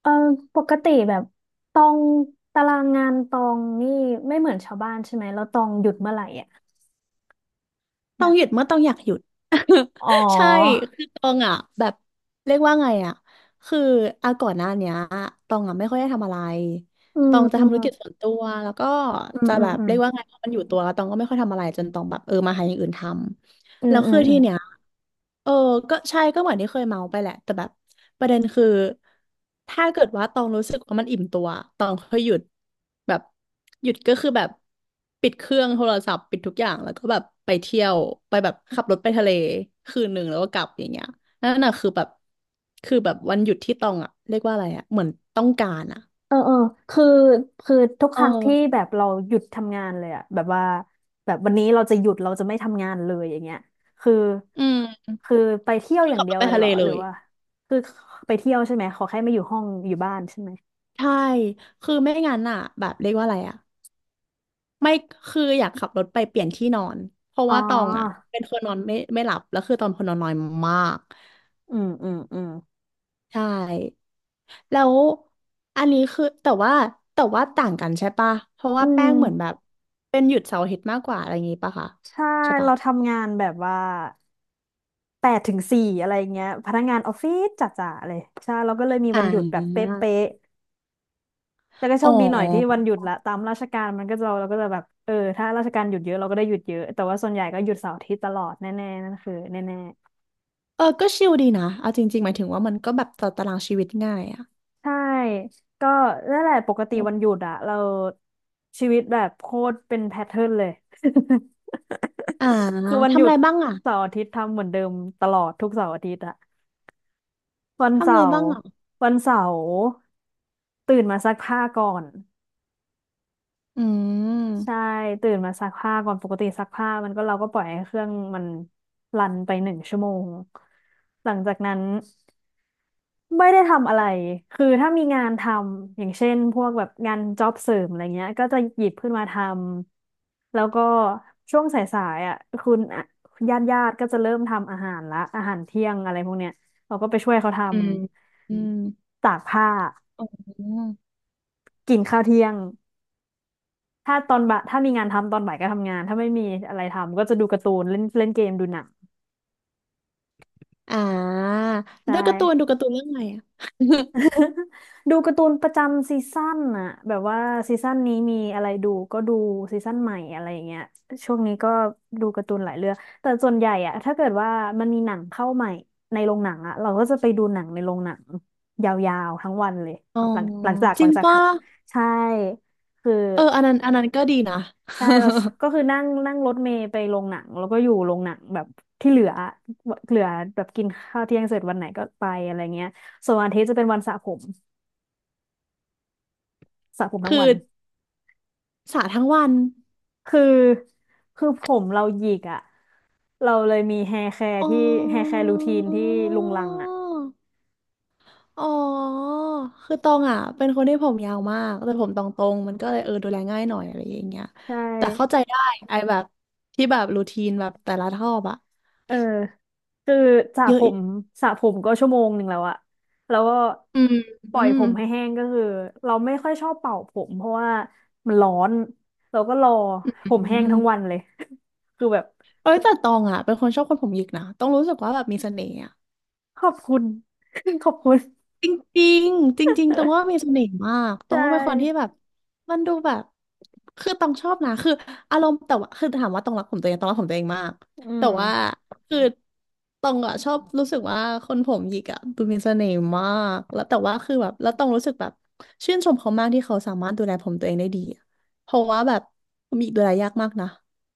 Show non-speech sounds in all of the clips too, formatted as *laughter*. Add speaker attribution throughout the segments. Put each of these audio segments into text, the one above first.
Speaker 1: เออปกติแบบตองตารางงานตองนี่ไม่เหมือนชาวบ้านใช่ไหมแล้วตองหยุดเมื่อไหร่อ่ะ
Speaker 2: ต้อง
Speaker 1: แบบ
Speaker 2: หยุดเมื่อต้องอยากหยุด
Speaker 1: อ๋อ
Speaker 2: *laughs* ใช่คือตองอ่ะแบบเรียกว่าไงอ่ะคืออาก่อนหน้าเนี้ยตองอ่ะไม่ค่อยได้ทำอะไร
Speaker 1: อื
Speaker 2: ต
Speaker 1: ม
Speaker 2: องจะ
Speaker 1: อื
Speaker 2: ทำธุ
Speaker 1: ม
Speaker 2: รกิจส่วนตัวแล้วก็
Speaker 1: อืม
Speaker 2: จะ
Speaker 1: อื
Speaker 2: แบ
Speaker 1: ม
Speaker 2: บ
Speaker 1: อืม
Speaker 2: เรียกว่าไงพอมันอยู่ตัวแล้วตองก็ไม่ค่อยทำอะไรจนตองแบบมาหาอย่างอื่นท
Speaker 1: อื
Speaker 2: ำ
Speaker 1: ม
Speaker 2: แล้ว
Speaker 1: อื
Speaker 2: คื
Speaker 1: ม
Speaker 2: อ
Speaker 1: อื
Speaker 2: ที่
Speaker 1: ม
Speaker 2: เนี้ย เออก็ใช่ก็เหมือนที่เคยเมาไปแหละแต่แบบประเด็นคือถ้าเกิดว่าตองรู้สึกว่ามันอิ่มตัวตองค่อยหยุดแบบหยุดก็คือแบบปิดเครื่องโทรศัพท์ปิดทุกอย่างแล้วก็แบบไปเที่ยวไปแบบขับรถไปทะเลคืนหนึ่งแล้วก็กลับอย่างเงี้ยนั่นน่ะคือแบบคือแบบวันหยุดที่ตองอะเรียกว่าอะไรอะเหมือนต้องการอะ
Speaker 1: เออเออคือคือทุกค
Speaker 2: เอ
Speaker 1: รั้งที่
Speaker 2: อ
Speaker 1: แบบเราหยุดทำงานเลยอ่ะแบบว่าแบบวันนี้เราจะหยุดเราจะไม่ทำงานเลยอย่างเงี้ยคือ
Speaker 2: อืม
Speaker 1: คือไปเที่ยว
Speaker 2: คื
Speaker 1: อ
Speaker 2: อ
Speaker 1: ย่าง
Speaker 2: ขับ
Speaker 1: เดี
Speaker 2: ร
Speaker 1: ย
Speaker 2: ถ
Speaker 1: ว
Speaker 2: ไป
Speaker 1: เลย
Speaker 2: ทะ
Speaker 1: เหร
Speaker 2: เล
Speaker 1: อห
Speaker 2: เล
Speaker 1: รือ
Speaker 2: ย
Speaker 1: ว่าคือไปเที่ยวใช่ไหมขอแค่ไม่อยู่ห้องอยู่บ้านใช่ไหม
Speaker 2: ใช่คือไม่งั้นอ่ะแบบเรียกว่าอะไรอ่ะ ไม่คืออยากขับรถไปเปลี่ยนที่นอนเพราะ
Speaker 1: อ๋อ
Speaker 2: ว่าตองอ่ะเป็นคนนอนไม่หลับแล้วคือตอนคนนอนน้อยมาก
Speaker 1: อืมอืมอืม
Speaker 2: ใช่แล้วอันนี้คือแต่ว่าแต่ว่าต่างกันใช่ปะเพราะ
Speaker 1: อื
Speaker 2: ว่าแป้
Speaker 1: ม
Speaker 2: งเหมือนแบบเป็นหยุดเสาร์อาทิตย์มากกว่าอะไรอย่างงี้ปะคะ
Speaker 1: ใช่
Speaker 2: ใช่ปะ
Speaker 1: เราทำงานแบบว่า8 ถึง 4อะไรเงี้ยพนักงานออฟฟิศจ๋าๆเลยใช่เราก็เลยมีวั
Speaker 2: อ่า
Speaker 1: นหยุดแบบเป๊ะๆแต่ก็โช
Speaker 2: อ๋อ
Speaker 1: คดีหน่อยที่วันหยุดละตามราชการมันก็จะเราก็จะแบบเออถ้าราชการหยุดเยอะเราก็ได้หยุดเยอะแต่ว่าส่วนใหญ่ก็หยุดเสาร์อาทิตย์ตลอดแน่ๆนั่นคือแน่
Speaker 2: ก็ชิลดีนะเอาจริงๆหมายถึงว่ามันก็แบบต่อตารางชีวิตง่ายอ่ะ
Speaker 1: ๆใช่ก็นั่นแหละปกติ
Speaker 2: อื
Speaker 1: วันหยุ
Speaker 2: ม
Speaker 1: ดอะเราชีวิตแบบโคตรเป็นแพทเทิร์นเลย
Speaker 2: อ่า
Speaker 1: *laughs* คือวันห
Speaker 2: ทำ
Speaker 1: ยุ
Speaker 2: อะ
Speaker 1: ด
Speaker 2: ไรบ้างอ่ะ
Speaker 1: เสาร์อาทิตย์ทำเหมือนเดิมตลอดทุกเสาร์อาทิตย์อะ วัน
Speaker 2: ทำอะ
Speaker 1: เสา
Speaker 2: ไรบ้า
Speaker 1: ร์
Speaker 2: งอ่ะ
Speaker 1: วันเสาร์ตื่นมาซักผ้าก่อน
Speaker 2: อื
Speaker 1: ใช่
Speaker 2: ม
Speaker 1: ตื่นมาซักผ้าก่อนปกติซักผ้ามันก็เราก็ปล่อยให้เครื่องมันรันไป1 ชั่วโมงหลังจากนั้นไม่ได้ทำอะไรคือถ้ามีงานทำอย่างเช่นพวกแบบงานจ็อบเสริมอะไรเงี้ยก็จะหยิบขึ้นมาทำแล้วก็ช่วงสายๆอ่ะคุณญาติๆก็จะเริ่มทำอาหารละอาหารเที่ยงอะไรพวกเนี้ยเราก็ไปช่วยเขาทำ
Speaker 2: อืมอืม
Speaker 1: ตากผ้า
Speaker 2: อ๋อ
Speaker 1: กินข้าวเที่ยงถ้าตอนบ่ายถ้ามีงานทำตอนบ่ายก็ทำงานถ้าไม่มีอะไรทำก็จะดูการ์ตูนเล่นเล่นเกมดูหนัง
Speaker 2: อ่า
Speaker 1: ใช่
Speaker 2: แล้วการ์ตูนดูการ์ตูนเรื่องอะไรอ่ะ
Speaker 1: ดูการ์ตูนประจำซีซั่นน่ะแบบว่าซีซั่นนี้มีอะไรดูก็ดูซีซั่นใหม่อะไรอย่างเงี้ยช่วงนี้ก็ดูการ์ตูนหลายเรื่องแต่ส่วนใหญ่อะถ้าเกิดว่ามันมีหนังเข้าใหม่ในโรงหนังอะเราก็จะไปดูหนังในโรงหนังยาวๆทั้งวันเลย
Speaker 2: *laughs* อ๋อ
Speaker 1: หลังหลังจาก
Speaker 2: จ
Speaker 1: หลั
Speaker 2: ริง
Speaker 1: งจากท
Speaker 2: ป่ะ
Speaker 1: ำใช่คือ
Speaker 2: อันนั้นอันนั้นก็ดีนะ
Speaker 1: ใช่เราก็คือนั่งนั่งรถเมล์ไปโรงหนังแล้วก็อยู่โรงหนังแบบที่เหลือแบบกินข้าวเที่ยงเสร็จวันไหนก็ไปอะไรเงี้ยส่วนวันอาทิตย์จะเป็นวันสระผมสระผมทั้
Speaker 2: คื
Speaker 1: ง
Speaker 2: อ
Speaker 1: วัน
Speaker 2: สาทั้งวัน
Speaker 1: คือคือผมเราหยิกอ่ะเราเลยมีแฮร์แคร์
Speaker 2: อ๋
Speaker 1: ที่แฮร์แค
Speaker 2: อ
Speaker 1: ร์รูทีนที่ลุงลังอ่ะ
Speaker 2: อ๋อคือตองอ่ะเป็นคนที่ผมยาวมากแต่ผมตองตรงมันก็เลยดูแลง่ายหน่อยอะไรอย่างเงี้ย
Speaker 1: ใช่
Speaker 2: แต่เข้าใจได้ไอ้แบบที่แบบรูทีนแบบแต่ละทอบอะ
Speaker 1: เออคือสระ
Speaker 2: เย
Speaker 1: ผ
Speaker 2: อะ
Speaker 1: มสระผมก็1 ชั่วโมงแล้วอะแล้วก็
Speaker 2: อืม
Speaker 1: ป
Speaker 2: อื
Speaker 1: ล่อย
Speaker 2: ม
Speaker 1: ผมให้แห้งก็คือเราไม่ค่อยชอบเป่าผมเพราะว่ามันร้อนเราก็รอ
Speaker 2: อื
Speaker 1: ผมแห้งทั้งวัน
Speaker 2: ม
Speaker 1: เลย *laughs* คือแบบ
Speaker 2: เอ้ยแต่ตองอ่ะเป็นคนชอบคนผมหยิกนะต้องรู้สึกว่าแบบมีเสน่ห์
Speaker 1: ขอบคุณ *laughs* ขอบคุณ
Speaker 2: จริงๆจริงๆตรงว่ามีเสน่ห์มากตร
Speaker 1: ใช่
Speaker 2: งว่าเป็นคนที่แบบมันดูแบบคือต้องชอบนะคืออารมณ์แต่ว่าคือถามว่าตรงรักผมตัวเองตรงรักผมตัวเองมาก
Speaker 1: อื
Speaker 2: แต่
Speaker 1: ม
Speaker 2: ว่าคือตรงอะชอบรู้สึกว่าคนผมหยิกอะดูมีเสน่ห์มากแล้วแต่ว่าคือแบบแล้วตรงรู้สึกแบบชื่นชมเขามากที่เขาสามารถดูแลผมตัวเองได้ดีอะเพราะว่าแบบผมหยิกดูแลยากมากนะ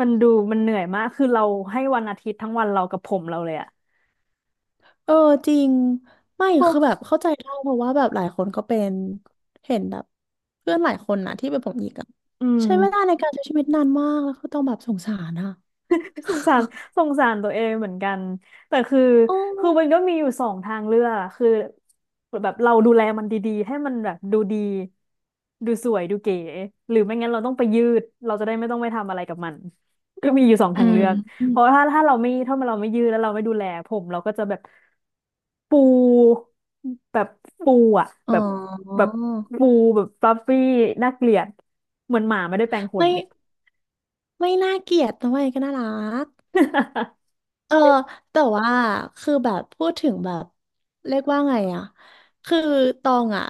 Speaker 1: มันดูมันเหนื่อยมากคือเราให้วันอาทิตย์ทั้งวันเรากับผมเราเลยอะ
Speaker 2: เออจริงไม่
Speaker 1: โอ
Speaker 2: คือแบบ
Speaker 1: ้
Speaker 2: เข้าใจได้เพราะว่าแบบหลายคนก็เป็นเห็นแบบเพื่อนหลายคนนะที่เป็นผมหยิกอะ
Speaker 1: อืม
Speaker 2: ใช้เวลาในการใช้ชีวิตนานมากแล้วก็ต้องแบบสงสารอะ
Speaker 1: สงสารสงสารตัวเองเหมือนกันแต่คือ
Speaker 2: โอ
Speaker 1: คือมัน
Speaker 2: ้
Speaker 1: ก็มีอยู่สองทางเลือกอะคือแบบเราดูแลมันดีๆให้มันแบบดูดีดูสวยดูเก๋หรือไม่งั้นเราต้องไปยืดเราจะได้ไม่ต้องไปทำอะไรกับมันก็มีอยู่สอง
Speaker 2: อื
Speaker 1: ทาง
Speaker 2: ม
Speaker 1: เลือก
Speaker 2: อ
Speaker 1: เพ
Speaker 2: ม
Speaker 1: ราะว่าถ้าเราไม่ยืดแล้วเราไม่ดูแลผมเราก็จะปูแบบปูอ่ะ
Speaker 2: อ๋
Speaker 1: แบ
Speaker 2: อ
Speaker 1: บแบบปูแบบฟลัฟฟี่น่าเกลียดเหมือนหมาไม่ได้แปรงข
Speaker 2: ไม่
Speaker 1: น
Speaker 2: ไม่น่าเกลียดทำไมก็น่ารัก
Speaker 1: *laughs*
Speaker 2: เออแต่ว่าคือแบบพูดถึงแบบเรียกว่าไงอะคือตองอะ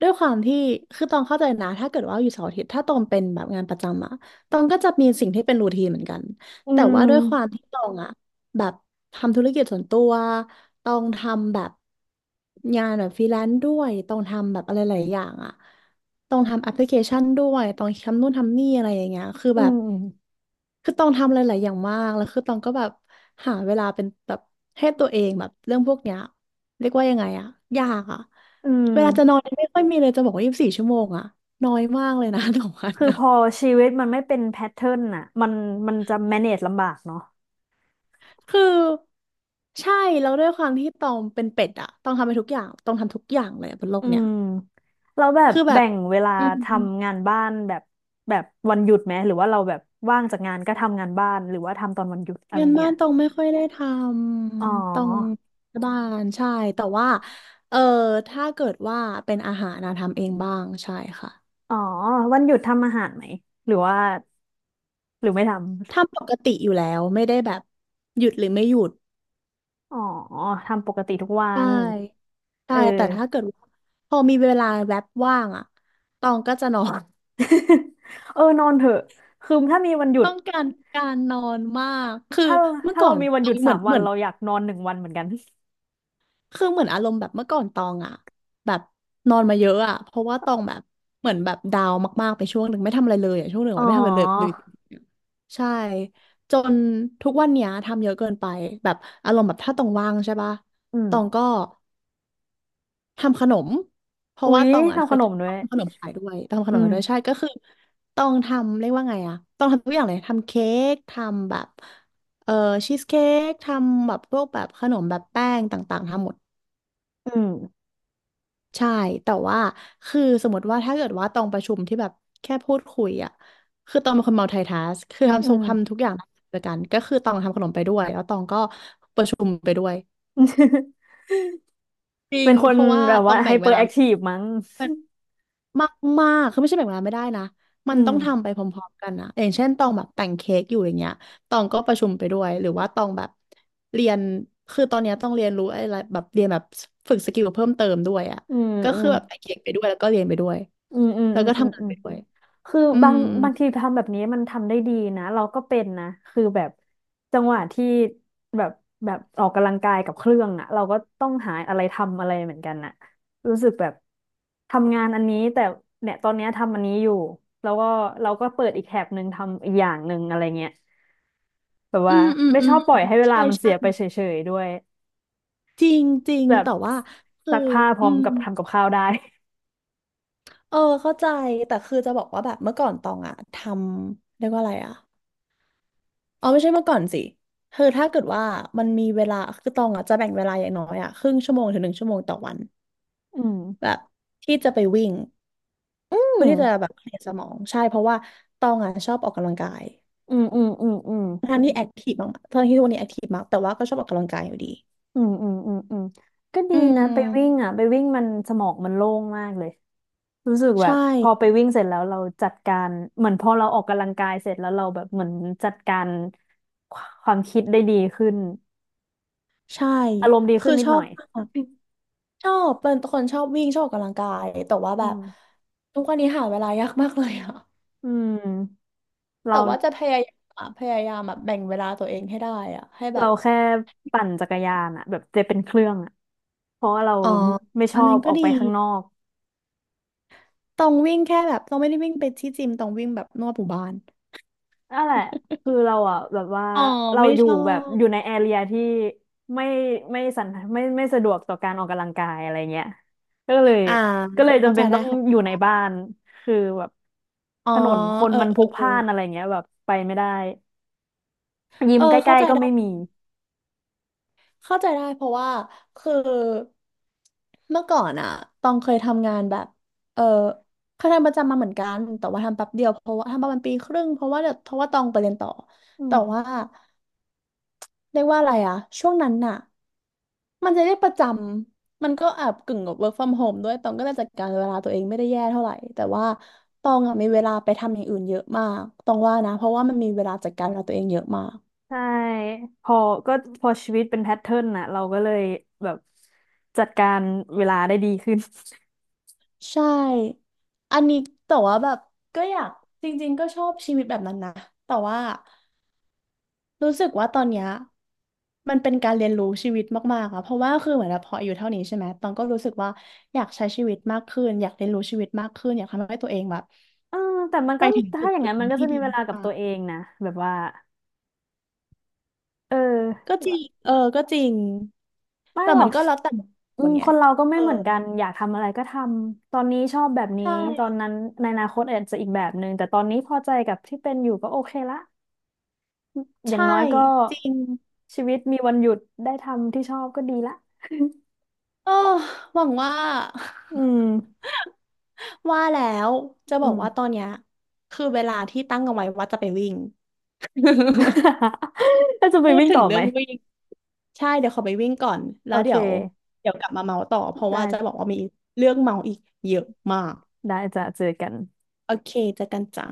Speaker 2: ด้วยความที่คือตองเข้าใจนะถ้าเกิดว่าอยู่เสาร์อาทิตย์ถ้าตองเป็นแบบงานประจำอะตองก็จะมีสิ่งที่เป็นรูทีนเหมือนกัน
Speaker 1: อื
Speaker 2: แต่ว่าด้วยความ
Speaker 1: ม
Speaker 2: ที่ตองอะแบบทำธุรกิจส่วนตัวตองทำแบบงานแบบฟรีแลนซ์ด้วยตองทำแบบอะไรหลายอย่างอะตองทำแอปพลิเคชันด้วยตองทำนู่นทำนี่อะไรอย่างเงี้ยคือ
Speaker 1: อื
Speaker 2: แบบ
Speaker 1: ม
Speaker 2: คือต้องทำหลายๆอย่างมากแล้วคือต้องก็แบบหาเวลาเป็นแบบให้ตัวเองแบบเรื่องพวกเนี้ยเรียกว่ายังไงอะยากอะ
Speaker 1: อืม
Speaker 2: เวลาจะนอนไม่ค่อยมีเลยจะบอกว่า24 ชั่วโมงอะน้อยมากเลยนะ *laughs* ต่อวัน
Speaker 1: คือ
Speaker 2: นะ
Speaker 1: พอชีวิตมันไม่เป็นแพทเทิร์นน่ะมันจะ manage ลำบากเนาะ
Speaker 2: คือใช่แล้วด้วยความที่ตองเป็นเป็ดอะต้องทำไปทุกอย่างต้องทำทุกอย่างเลยอะบนโล
Speaker 1: อื
Speaker 2: กเนี้ย
Speaker 1: มแล้วแบบ
Speaker 2: คือแบ
Speaker 1: แบ่
Speaker 2: บ
Speaker 1: งเวลา
Speaker 2: อืม
Speaker 1: ทำงานบ้านแบบวันหยุดไหมหรือว่าเราแบบว่างจากงานก็ทำงานบ้านหรือว่าทำตอนวันหยุดอะไร
Speaker 2: งาน
Speaker 1: เงี้
Speaker 2: บ้า
Speaker 1: ย
Speaker 2: นตรงไม่ค่อยได้ท
Speaker 1: อ๋
Speaker 2: ำตรง
Speaker 1: อ
Speaker 2: บ้านใช่แต่ว่าเออถ้าเกิดว่าเป็นอาหารนะทำเองบ้างใช่ค่ะ
Speaker 1: อ๋อวันหยุดทำอาหารไหมหรือว่าหรือไม่ท
Speaker 2: ทำปกติอยู่แล้วไม่ได้แบบหยุดหรือไม่หยุด
Speaker 1: ำอ๋อทำปกติทุกวั
Speaker 2: ใช่
Speaker 1: นเอ
Speaker 2: ใช่
Speaker 1: อ
Speaker 2: แต่ถ้าเกิดว่าพอมีเวลาแวบว่างอ่ะตองก็จะนอน
Speaker 1: *laughs* เออนอนเถอะคือถ้ามีวันหยุ
Speaker 2: *laughs*
Speaker 1: ด
Speaker 2: ต้องการการนอนมากคือ
Speaker 1: ถ้า
Speaker 2: เมื่อ
Speaker 1: ถ้า
Speaker 2: ก่อ
Speaker 1: เรา
Speaker 2: น
Speaker 1: มีวัน
Speaker 2: ต
Speaker 1: ห
Speaker 2: อ
Speaker 1: ยุ
Speaker 2: ง
Speaker 1: ด
Speaker 2: เห
Speaker 1: สา
Speaker 2: มือ
Speaker 1: ม
Speaker 2: น
Speaker 1: วั
Speaker 2: เห
Speaker 1: น
Speaker 2: มือน
Speaker 1: เราอยากนอน1 วันเหมือนกัน
Speaker 2: คือเหมือนอารมณ์แบบเมื่อก่อนตองอะแบบนอนมาเยอะอะเพราะว่าตองแบบเหมือนแบบดาวน์มากๆไปช่วงหนึ่งไม่ทำอะไรเลยอะช่วงหนึ่ง
Speaker 1: อ๋อ
Speaker 2: ไม่ทำอะไรเลยใช่จนทุกวันเนี้ยทำเยอะเกินไปแบบอารมณ์แบบถ้าตองว่างใช่ปะ
Speaker 1: อืม
Speaker 2: ตองก็ทำขนมเพราะ
Speaker 1: อุ๊
Speaker 2: ว่า
Speaker 1: ย
Speaker 2: ตองอะเค
Speaker 1: ทำข
Speaker 2: ย
Speaker 1: นมด้
Speaker 2: ต
Speaker 1: ว
Speaker 2: อ
Speaker 1: ย
Speaker 2: งทำขนมขายด้วยตองทำข
Speaker 1: อื
Speaker 2: นมขายด้วย
Speaker 1: ม
Speaker 2: ใช่ก็คือตองทำเรียกว่าไงอะตองทำทุกอย่างเลยทำเค้กทำแบบเอ่อชีสเค้กทำแบบพวกแบบขนมแบบแป้งต่างๆทำหมด
Speaker 1: อืม
Speaker 2: ใช่ แต่ว่า คือสมมติว่า ถ้าเกิดว่า ตองประชุมที่แบบ แค่พูดคุยอ่ะคือตองเป็นคน multitask คือ
Speaker 1: อื
Speaker 2: ทำทุก
Speaker 1: ม
Speaker 2: ทำทุกอย่างด้วยกันก็คือตองทำขนมไปด้วย แล้วตองก็ประชุมไปด้วย
Speaker 1: *laughs*
Speaker 2: จริ
Speaker 1: เป็
Speaker 2: ง
Speaker 1: นค
Speaker 2: เพ
Speaker 1: น
Speaker 2: ราะว่า
Speaker 1: แบบ
Speaker 2: ตอ
Speaker 1: ว่า
Speaker 2: ง
Speaker 1: ไฮ
Speaker 2: แบ่ง
Speaker 1: เป
Speaker 2: เว
Speaker 1: อร์
Speaker 2: ลา
Speaker 1: แอคทีฟมั้ง
Speaker 2: มากมากคือไม่ใช่แบ่งเวลาไม่ได้นะมั
Speaker 1: อื
Speaker 2: นต้
Speaker 1: ม
Speaker 2: องทำไปพร้อมๆกันนะอย่างเช่นตองแบบแต่งเค้กอยู่อย่างเงี้ยตองก็ประชุมไปด้วยหรือว่าตองแบบเรียนคือตอนเนี้ยต้องเรียนรู้อะไรแบบเรียนแบบฝึกสกิลเพิ่มเติมด้วยอ่ะ
Speaker 1: อืม
Speaker 2: ก็
Speaker 1: อื
Speaker 2: คื
Speaker 1: ม
Speaker 2: อแบบแต่งเค้กไปด้วยแล้วก็เรียนไปด้วย
Speaker 1: อืมอืม
Speaker 2: แล้
Speaker 1: อื
Speaker 2: วก็
Speaker 1: ม
Speaker 2: ทำงา
Speaker 1: อื
Speaker 2: น
Speaker 1: ม
Speaker 2: ไปด้วย
Speaker 1: คือ
Speaker 2: อื
Speaker 1: บา
Speaker 2: ม
Speaker 1: งบางทีทำแบบนี้มันทำได้ดีนะเราก็เป็นนะคือแบบจังหวะที่แบบแบบออกกำลังกายกับเครื่องอ่ะเราก็ต้องหาอะไรทำอะไรเหมือนกันน่ะรู้สึกแบบทำงานอันนี้แต่เนี่ยตอนเนี้ยทำอันนี้อยู่แล้วก็เราก็เปิดอีกแถบหนึ่งทำอีกอย่างหนึ่งอะไรเงี้ยแบบ
Speaker 2: อื
Speaker 1: ว่า
Speaker 2: มอืม
Speaker 1: ไม่
Speaker 2: อื
Speaker 1: ชอ
Speaker 2: ม
Speaker 1: บปล่อยให้เวลา
Speaker 2: ใช่
Speaker 1: มันเสี
Speaker 2: ใช่
Speaker 1: ยไปเฉยๆด้วย
Speaker 2: จริงจริง
Speaker 1: แบบ
Speaker 2: แต่ว่าคือ
Speaker 1: ซักผ้าพ
Speaker 2: อื
Speaker 1: ร้อม
Speaker 2: ม
Speaker 1: กับทำกับข้าวได้
Speaker 2: เออเข้าใจแต่คือจะบอกว่าแบบเมื่อก่อนตองอะทำเรียกว่าอะไรอะ อ๋อไม่ใช่เมื่อก่อนสิคือถ้าเกิดว่ามันมีเวลาคือตองอ่ะจะแบ่งเวลาอย่างน้อยอ่ะครึ่งชั่วโมงถึงหนึ่งชั่วโมงต่อวัน
Speaker 1: อืม
Speaker 2: แบบที่จะไปวิ่ง
Speaker 1: อืม
Speaker 2: เพื่อที่จะแบบเคลียร์สมองใช่เพราะว่าตองอ่ะชอบออกกำลังกาย
Speaker 1: อืมอืมอืม
Speaker 2: ทั้งที่แอคทีฟมากทั้งที่ทุกวันนี้แอคทีฟมากแต่ว่าก็ชอบออกกำลังกายอยู่ดี
Speaker 1: อืมอืมอืมอืมก็ดี
Speaker 2: อื
Speaker 1: นะไปวิ่ง
Speaker 2: ม
Speaker 1: อ่ะไปวิ่งมันสมองมันโล่งมากเลยรู้สึกแบ
Speaker 2: ใช่
Speaker 1: บพอไปวิ่งเสร็จแล้วเราจัดการเหมือนพอเราออกกำลังกายเสร็จแล้วเราแบบเหมือนจัดการความคิดได้ดีขึ้น
Speaker 2: ใช่
Speaker 1: อารมณ์ดีขึ้
Speaker 2: คือ
Speaker 1: นนิ
Speaker 2: ช
Speaker 1: ด
Speaker 2: อ
Speaker 1: หน่อย
Speaker 2: บชอบเป็นคนชอบวิ่งชอบออกกำลังกายแต่ว่า
Speaker 1: อื
Speaker 2: แบบ
Speaker 1: ม
Speaker 2: ทุกวันนี้หาเวลายากมากเลยอ่ะ
Speaker 1: อืม
Speaker 2: แต่
Speaker 1: เรา
Speaker 2: ว่าจะพยายามอะพยายามแบบแบ่งเวลาตัวเองให้ได้อะให้แบ
Speaker 1: เรา
Speaker 2: บ
Speaker 1: แค่ปั่นจักรยานอ่ะแบบจะเป็นเครื่องอ่ะเพราะว่าเรา
Speaker 2: อ๋อ
Speaker 1: ไม่ช
Speaker 2: อัน
Speaker 1: อ
Speaker 2: นั้
Speaker 1: บ
Speaker 2: น
Speaker 1: อ
Speaker 2: ก็
Speaker 1: อก
Speaker 2: ดี
Speaker 1: ไปข้างนอก
Speaker 2: ต้องวิ่งแค่แบบต้องไม่ได้วิ่งไปที่จิมต้องวิ่งแบบนวดหมู่บ้าน
Speaker 1: นั่นแหละคือเราอ่ะแบบว่า
Speaker 2: อ๋อ
Speaker 1: เรา
Speaker 2: ไม่
Speaker 1: อยู่
Speaker 2: ชอ
Speaker 1: แบบอยู่
Speaker 2: บ
Speaker 1: ในแอเรียที่ไม่ไม่สันไม่ไม่สะดวกต่อการออกกำลังกายอะไรเงี้ยก็เลย
Speaker 2: อ่า
Speaker 1: ก็เลย
Speaker 2: เข้า
Speaker 1: จำ
Speaker 2: ใจ
Speaker 1: เป็น
Speaker 2: ได้
Speaker 1: ต้องอ
Speaker 2: ค่ะ
Speaker 1: ยู่ในบ้านคือแบบ
Speaker 2: อ๋อ
Speaker 1: ถนนคน
Speaker 2: เออ
Speaker 1: มัน
Speaker 2: เอ
Speaker 1: พลุ
Speaker 2: อ
Speaker 1: กพ
Speaker 2: เออ
Speaker 1: ล่านอะไรเงี้ยแบบไปไม่ได้ยิ
Speaker 2: เอ
Speaker 1: ม
Speaker 2: อ
Speaker 1: ใก
Speaker 2: เข้า
Speaker 1: ล้
Speaker 2: ใจ
Speaker 1: ๆก็
Speaker 2: ได้
Speaker 1: ไม่มี
Speaker 2: เข้าใจได้เพราะว่าคือเมื่อก่อนอะตองเคยทำงานแบบเออเคยทำประจำมาเหมือนกัน แต่ว่าทำแป๊บเดียวเพราะว่าทำประมาณปีครึ่งเพราะว่าเดี๋ยวเพราะว่าตองไปเรียนต่อ
Speaker 1: อื
Speaker 2: แต่ว่า
Speaker 1: ม
Speaker 2: เรียกว่าอะไรอะช่วงนั้นน่ะ มันจะได้ประจำ มันก็แอบกึ่งกับ work from home ด้วย ตองก็จะจัดการเวลาตัวเองไม่ได้แย่เท่าไหร่แต่ว่าตองอะมีเวลาไปทำอย่างอื่นเยอะมากตองว่านะเพราะว่ามันมีเวลาจัดการเวลาตัวเองเยอะมาก
Speaker 1: ใช่พอก็พอชีวิตเป็นแพทเทิร์นน่ะเราก็เลยแบบจัดการเวลาได้ดีขึ้น
Speaker 2: ใช่ อันนี้แต่ว่าแบบก็อยากจริงๆก็ชอบชีวิตแบบนั้นนะแต่ว่ารู้สึกว่าตอนเนี้ยมันเป็นการเรียนรู้ชีวิตมากๆอะเพราะว่าคือเหมือนแบบพออาย่เท่านี้ใช่ไหมตองก็รู้สึกว่าอยากใช้ชีวิตมากขึ้นอยากเรียนรู้ชีวิตมากขึ้นอยากทำให้ตัวเองแบบ
Speaker 1: เออแต่มัน
Speaker 2: ไป
Speaker 1: ก็
Speaker 2: ถึงจุ
Speaker 1: ถ้า
Speaker 2: ด
Speaker 1: อย่าง
Speaker 2: จุด
Speaker 1: นั้น
Speaker 2: ห
Speaker 1: มั
Speaker 2: นึ่
Speaker 1: น
Speaker 2: ง
Speaker 1: ก็
Speaker 2: ที่
Speaker 1: จะมี
Speaker 2: ดี
Speaker 1: เว
Speaker 2: ม
Speaker 1: ลากับ
Speaker 2: า
Speaker 1: ตั
Speaker 2: ก
Speaker 1: วเองนะแบบว่าเออ
Speaker 2: ก็จริง เออก็จริง
Speaker 1: ไม่
Speaker 2: แต่
Speaker 1: หรอ
Speaker 2: มัน
Speaker 1: ก
Speaker 2: ก็แล้วแต่
Speaker 1: อื
Speaker 2: คน
Speaker 1: ม
Speaker 2: ไง
Speaker 1: คนเราก็ไม่
Speaker 2: เออ
Speaker 1: เหมือนกันอยากทำอะไรก็ทำตอนนี้ชอบแบบนี้
Speaker 2: ใช่
Speaker 1: ตอนนั้นในอนาคตอาจจะอีกแบบหนึ่งแต่ตอนนี้พอใจกับที่เป็นอยู่ก็โอเคละอย่าง
Speaker 2: ใช่
Speaker 1: น้อยก็
Speaker 2: จริง
Speaker 1: ชีวิตมีวันหยุดได้ทำที่ชอบก็ดีละ
Speaker 2: เออหวังว่า
Speaker 1: อืม
Speaker 2: *laughs* ว่าแล้ว จะบ
Speaker 1: อื
Speaker 2: อก
Speaker 1: ม
Speaker 2: ว่าตอนเนี้ยคือเวลาที่ตั้งเอาไว้ว่าจะไปวิ่ง *laughs*
Speaker 1: *laughs* แล้วจะไป
Speaker 2: พูด
Speaker 1: วิ่ง
Speaker 2: ถึ
Speaker 1: ต่
Speaker 2: ง
Speaker 1: อไห
Speaker 2: เรื่
Speaker 1: ม
Speaker 2: องวิ่งใช่ เดี๋ยวขอไปวิ่งก่อนแล้
Speaker 1: โอ
Speaker 2: ว
Speaker 1: เค
Speaker 2: เดี๋ยว เดี๋ยวกลับมาเมาต่อเพราะว่า
Speaker 1: ได้
Speaker 2: จะบอกว่ามีเรื่องเมาอีกเยอะมาก
Speaker 1: ได้จะเจอกัน
Speaker 2: โอเคเจอกันจ้า